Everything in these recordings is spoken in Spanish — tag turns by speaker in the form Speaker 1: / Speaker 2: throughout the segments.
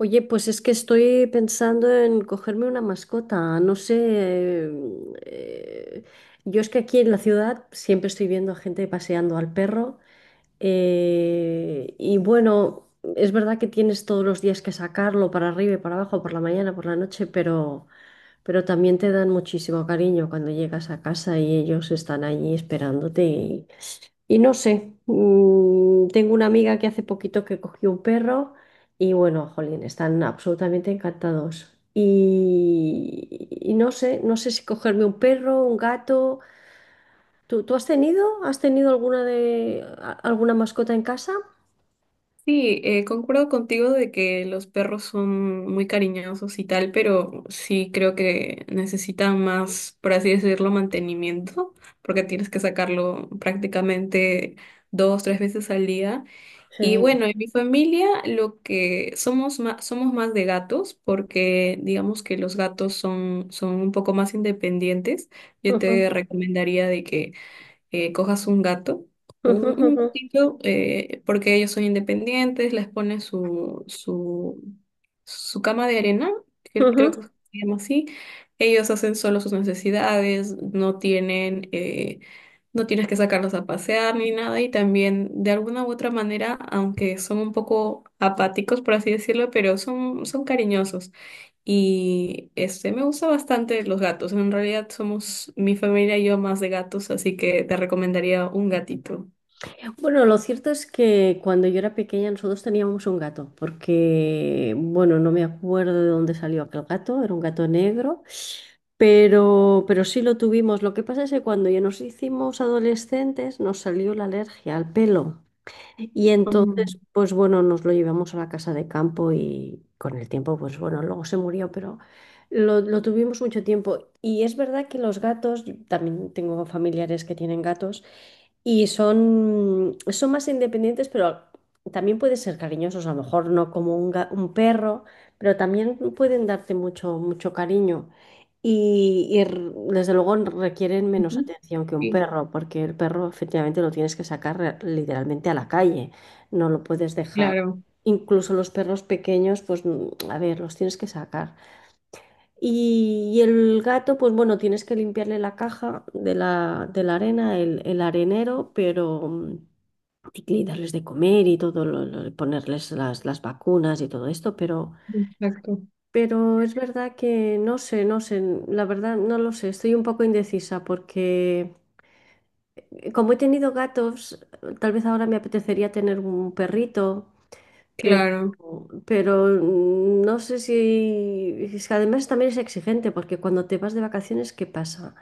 Speaker 1: Oye, pues es que estoy pensando en cogerme una mascota. No sé, yo es que aquí en la ciudad siempre estoy viendo a gente paseando al perro. Y bueno, es verdad que tienes todos los días que sacarlo para arriba y para abajo, por la mañana, por la noche, pero también te dan muchísimo cariño cuando llegas a casa y ellos están allí esperándote. Y no sé, tengo una amiga que hace poquito que cogió un perro y bueno, jolín, están absolutamente encantados. Y no sé, no sé si cogerme un perro, un gato. ¿Tú has tenido? ¿Has tenido alguna alguna mascota en casa?
Speaker 2: Sí, concuerdo contigo de que los perros son muy cariñosos y tal, pero sí creo que necesitan más, por así decirlo, mantenimiento, porque tienes que sacarlo prácticamente dos, tres veces al día. Y
Speaker 1: Sí.
Speaker 2: bueno, en mi familia lo que somos más de gatos, porque digamos que los gatos son un poco más independientes. Yo te
Speaker 1: Ujú.
Speaker 2: recomendaría de que cojas un gato,
Speaker 1: ujú,
Speaker 2: un
Speaker 1: ujú,
Speaker 2: gatito, porque ellos son independientes, les pones su cama de arena, que creo
Speaker 1: Ujú.
Speaker 2: que se llama así. Ellos hacen solo sus necesidades, no tienen, no tienes que sacarlos a pasear ni nada. Y también, de alguna u otra manera, aunque son un poco apáticos, por así decirlo, pero son cariñosos. Y este me gusta bastante los gatos. En realidad somos mi familia y yo más de gatos, así que te recomendaría un gatito.
Speaker 1: Bueno, lo cierto es que cuando yo era pequeña nosotros teníamos un gato, porque, bueno, no me acuerdo de dónde salió aquel gato, era un gato negro, pero sí lo tuvimos. Lo que pasa es que cuando ya nos hicimos adolescentes nos salió la alergia al pelo y
Speaker 2: Mm,
Speaker 1: entonces, pues bueno, nos lo llevamos a la casa de campo y con el tiempo, pues bueno, luego se murió, pero... Lo tuvimos mucho tiempo y es verdad que los gatos, yo también tengo familiares que tienen gatos, y son, son más independientes, pero también pueden ser cariñosos, a lo mejor no como un, un perro, pero también pueden darte mucho, mucho cariño. Y, y r- Desde luego requieren menos
Speaker 2: ujú.
Speaker 1: atención que un
Speaker 2: Sí,
Speaker 1: perro, porque el perro efectivamente lo tienes que sacar literalmente a la calle, no lo puedes dejar.
Speaker 2: claro,
Speaker 1: Incluso los perros pequeños, pues a ver, los tienes que sacar. Y el gato, pues bueno, tienes que limpiarle la caja de la arena, el arenero, pero y que darles de comer y todo, ponerles las vacunas y todo esto,
Speaker 2: exacto.
Speaker 1: pero es verdad que no sé, no sé, la verdad no lo sé, estoy un poco indecisa porque como he tenido gatos, tal vez ahora me apetecería tener un perrito, pero...
Speaker 2: Claro.
Speaker 1: Pero no sé si... Es que además también es exigente, porque cuando te vas de vacaciones, ¿qué pasa?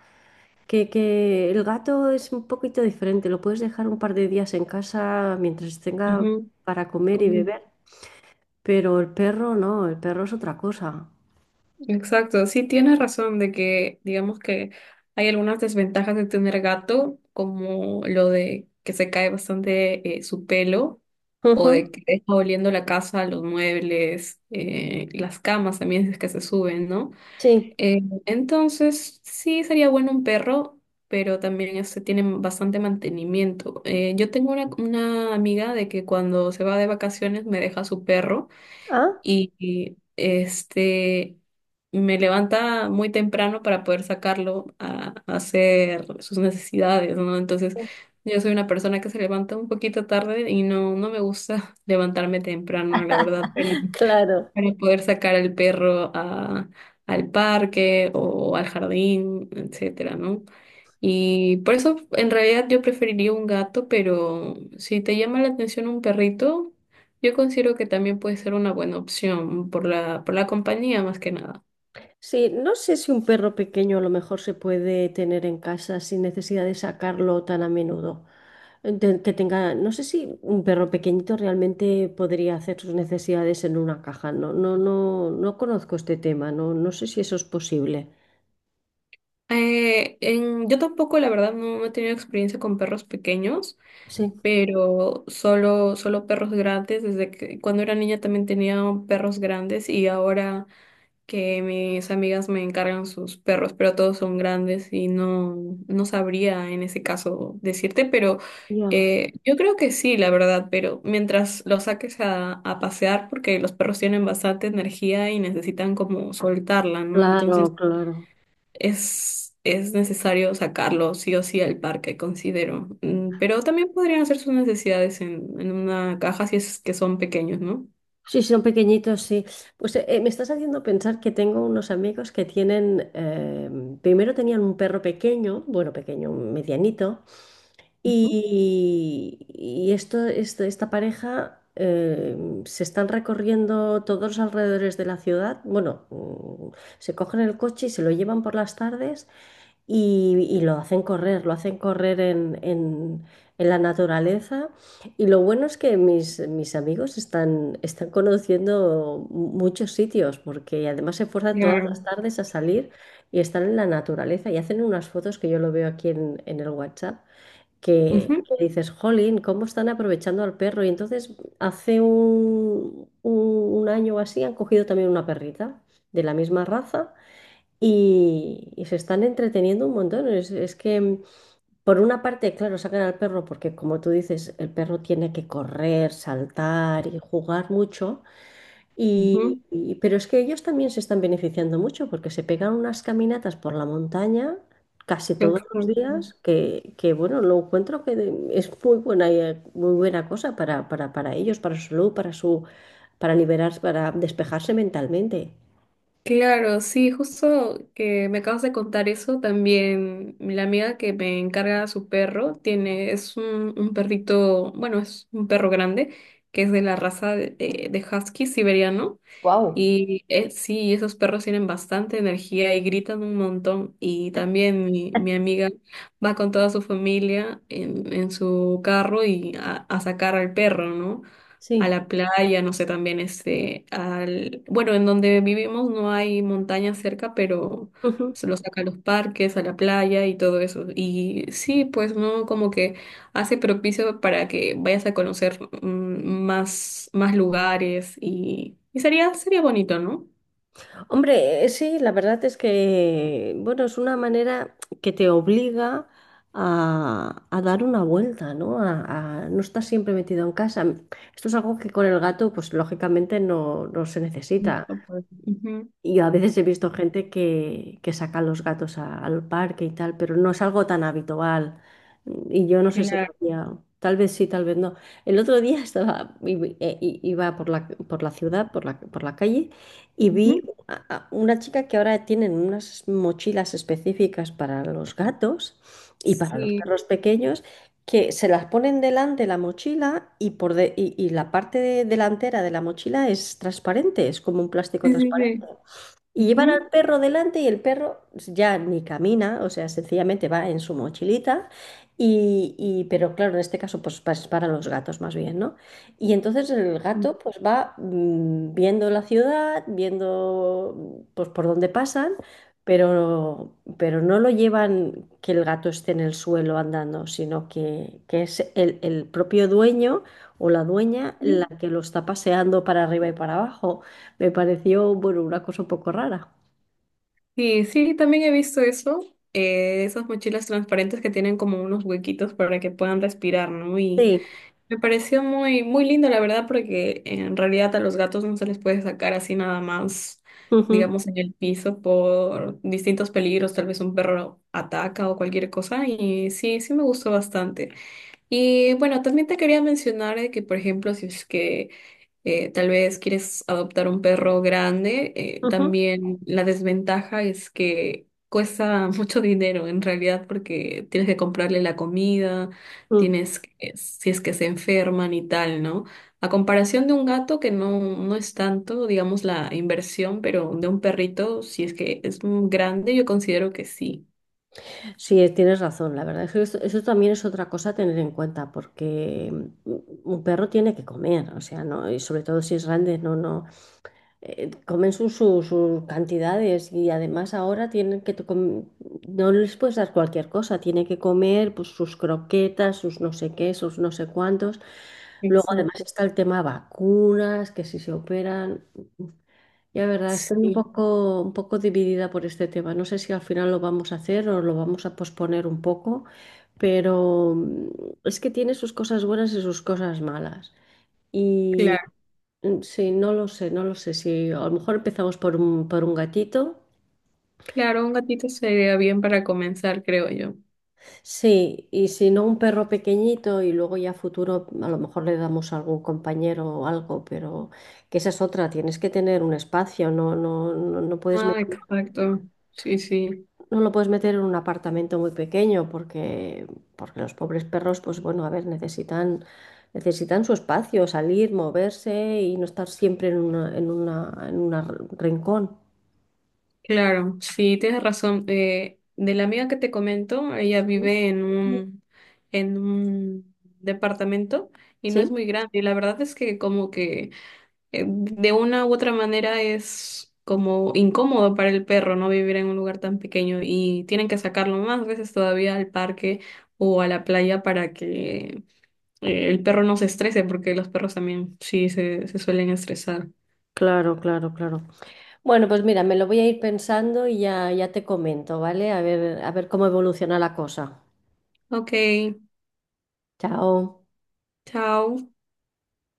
Speaker 1: Que el gato es un poquito diferente, lo puedes dejar un par de días en casa mientras tenga
Speaker 2: Ujú,
Speaker 1: para comer y
Speaker 2: como-
Speaker 1: beber, pero el perro no, el perro es otra cosa.
Speaker 2: exacto. Sí, tienes razón de que, digamos que hay algunas desventajas de tener gato, como lo de que se cae bastante su pelo, o
Speaker 1: Ujú.
Speaker 2: de que está oliendo la casa, los muebles, las camas también si es que se suben, ¿no?
Speaker 1: Sí.
Speaker 2: Entonces, sí sería bueno un perro, pero también este, tienen bastante mantenimiento. Yo tengo una amiga de que cuando se va de vacaciones me deja su perro
Speaker 1: Ah,
Speaker 2: este me levanta muy temprano para poder sacarlo a hacer sus necesidades, ¿no? Entonces, yo soy una persona que se levanta un poquito tarde y no, no me gusta levantarme temprano, la verdad
Speaker 1: claro.
Speaker 2: para poder sacar al al parque o al jardín, etcétera, ¿no? Y por eso en realidad yo preferiría un gato, pero si te llama la atención un perrito, yo considero que también puede ser una buena opción por por la compañía más que nada.
Speaker 1: Sí, no sé si un perro pequeño a lo mejor se puede tener en casa sin necesidad de sacarlo tan a menudo. Que tenga, no sé si un perro pequeñito realmente podría hacer sus necesidades en una caja. No, no, no, no conozco este tema, no, no sé si eso es posible.
Speaker 2: Yo tampoco, la verdad, no, no he tenido experiencia con perros pequeños,
Speaker 1: Sí.
Speaker 2: pero solo perros grandes. Desde que cuando era niña también tenía perros grandes y ahora que mis amigas me encargan sus perros, pero todos son grandes y no, no sabría en ese caso decirte, pero
Speaker 1: Ya.
Speaker 2: yo creo que sí, la verdad, pero mientras los saques a pasear, porque los perros tienen bastante energía y necesitan como soltarla, ¿no? Entonces
Speaker 1: Claro, claro.
Speaker 2: es necesario sacarlo sí o sí al parque, considero. Pero también podrían hacer sus necesidades en una caja si es que son pequeños, ¿no?
Speaker 1: Sí, sí, son pequeñitos, sí. Pues me estás haciendo pensar que tengo unos amigos que tienen, primero tenían un perro pequeño, bueno, pequeño, medianito.
Speaker 2: Ujú.
Speaker 1: Y esto, esta pareja se están recorriendo todos los alrededores de la ciudad. Bueno, se cogen el coche y se lo llevan por las tardes y lo hacen correr en la naturaleza. Y lo bueno es que mis amigos están, están conociendo muchos sitios porque además se esfuerzan todas las
Speaker 2: Claro.
Speaker 1: tardes a salir y están en la naturaleza y hacen unas fotos que yo lo veo aquí en el WhatsApp
Speaker 2: Ujú,
Speaker 1: que dices, jolín, ¿cómo están aprovechando al perro? Y entonces hace un, un año o así han cogido también una perrita de la misma raza y se están entreteniendo un montón. Es que por una parte, claro, sacan al perro porque como tú dices, el perro tiene que correr, saltar y jugar mucho.
Speaker 2: ujú.
Speaker 1: Pero es que ellos también se están beneficiando mucho porque se pegan unas caminatas por la montaña casi
Speaker 2: Yo
Speaker 1: todos los
Speaker 2: creo.
Speaker 1: días, que, bueno, lo encuentro que es muy buena cosa para ellos, para su salud, para su, para liberarse, para despejarse mentalmente.
Speaker 2: Claro, sí, justo que me acabas de contar eso, también la amiga que me encarga a su perro tiene, es un perrito, bueno, es un perro grande, que es de la raza de husky siberiano,
Speaker 1: Wow.
Speaker 2: y sí, esos perros tienen bastante energía y gritan un montón, y también mi amiga va con toda su familia en su carro y a sacar al perro, ¿no? A
Speaker 1: Sí.
Speaker 2: la playa, no sé, también este, al, bueno, en donde vivimos no hay montañas cerca, pero se lo saca a los parques, a la playa y todo eso. Y sí, pues no, como que hace propicio para que vayas a conocer más, más lugares y sería, sería bonito, ¿no?
Speaker 1: Hombre, sí, la verdad es que, bueno, es una manera que te obliga a dar una vuelta, ¿no? A no estar siempre metido en casa. Esto es algo que con el gato, pues lógicamente no, no se necesita.
Speaker 2: Mucho poder. Ujú.
Speaker 1: Y a veces he visto gente que saca los gatos al parque y tal, pero no es algo tan habitual. Y yo no sé si lo
Speaker 2: Claro.
Speaker 1: hacía. Tal vez sí, tal vez no. El otro día estaba, iba por la ciudad, por la calle, y vi
Speaker 2: Ujú.
Speaker 1: a una chica que ahora tienen unas mochilas específicas para los gatos y para los
Speaker 2: Sí,
Speaker 1: perros pequeños, que se las ponen delante la mochila y, y la parte delantera de la mochila es transparente, es como un plástico
Speaker 2: sí, sí.
Speaker 1: transparente.
Speaker 2: Sí.
Speaker 1: Y llevan al
Speaker 2: Ujú,
Speaker 1: perro delante y el perro ya ni camina, o sea, sencillamente va en su mochilita. Pero claro, en este caso, pues es para los gatos más bien, ¿no? Y entonces el gato pues va viendo la ciudad, viendo pues por dónde pasan, pero no lo llevan que el gato esté en el suelo andando, sino que es el propio dueño o la dueña
Speaker 2: ujú.
Speaker 1: la que lo está paseando para arriba y para abajo. Me pareció, bueno, una cosa un poco rara.
Speaker 2: Sí, sí, también he visto eso, esas mochilas transparentes que tienen como unos huequitos para que puedan respirar, ¿no? Y
Speaker 1: Sí.
Speaker 2: me pareció muy, muy lindo, la verdad, porque en realidad a los gatos no se les puede sacar así nada más,
Speaker 1: Ujú,
Speaker 2: digamos, en el piso por distintos peligros, tal vez un perro ataca o cualquier cosa, y sí, sí me gustó bastante. Y bueno, también te quería mencionar de que, por ejemplo, si es que tal vez quieres adoptar un perro grande,
Speaker 1: ujú,
Speaker 2: también la desventaja es que cuesta mucho dinero en realidad porque tienes que comprarle la comida,
Speaker 1: Ujú.
Speaker 2: tienes que, si es que se enferman y tal, ¿no? A comparación de un gato que no, no es tanto, digamos, la inversión, pero de un perrito, si es que es un grande, yo considero que sí.
Speaker 1: Sí, tienes razón. La verdad es que eso también es otra cosa a tener en cuenta, porque mm, un perro tiene que comer, o sea, no, y sobre todo si es grande, no, no, comen sus sus cantidades y además ahora tienen que, no les puedes dar cualquier cosa, tiene que comer pues, sus croquetas, sus no sé qué, sus no sé cuántos. Luego además
Speaker 2: Exacto.
Speaker 1: está el tema vacunas, que si se operan. Ya, verdad, estoy
Speaker 2: Sí,
Speaker 1: un poco dividida por este tema. No sé si al final lo vamos a hacer o lo vamos a posponer un poco, pero es que tiene sus cosas buenas y sus cosas malas. Y
Speaker 2: claro.
Speaker 1: sí, no lo sé, no lo sé. Si a lo mejor empezamos por un gatito,
Speaker 2: Claro, un gatito sería bien para comenzar, creo yo.
Speaker 1: sí, y si no un perro pequeñito y luego ya a futuro a lo mejor le damos a algún compañero o algo, pero que esa es otra, tienes que tener un espacio, no, no, no, no puedes
Speaker 2: Ah,
Speaker 1: meter.
Speaker 2: exacto. Sí, sí.
Speaker 1: No lo puedes meter en un apartamento muy pequeño porque, porque los pobres perros, pues bueno, a ver, necesitan, necesitan su espacio, salir, moverse y no estar siempre en una, en una, en una rincón.
Speaker 2: Claro, sí, tienes razón. De la amiga que te comento, ella vive en en un departamento y no es
Speaker 1: ¿Sí?
Speaker 2: muy grande. Y la verdad es que como que de una u otra manera es como incómodo para el perro, ¿no? Vivir en un lugar tan pequeño y tienen que sacarlo más veces todavía al parque o a la playa para que el perro no se estrese, porque los perros también sí se suelen estresar.
Speaker 1: Claro, claro, claro. Bueno, pues mira, me lo voy a ir pensando y ya, ya te comento, ¿vale? A ver cómo evoluciona la cosa.
Speaker 2: Ok,
Speaker 1: Chao.
Speaker 2: chao.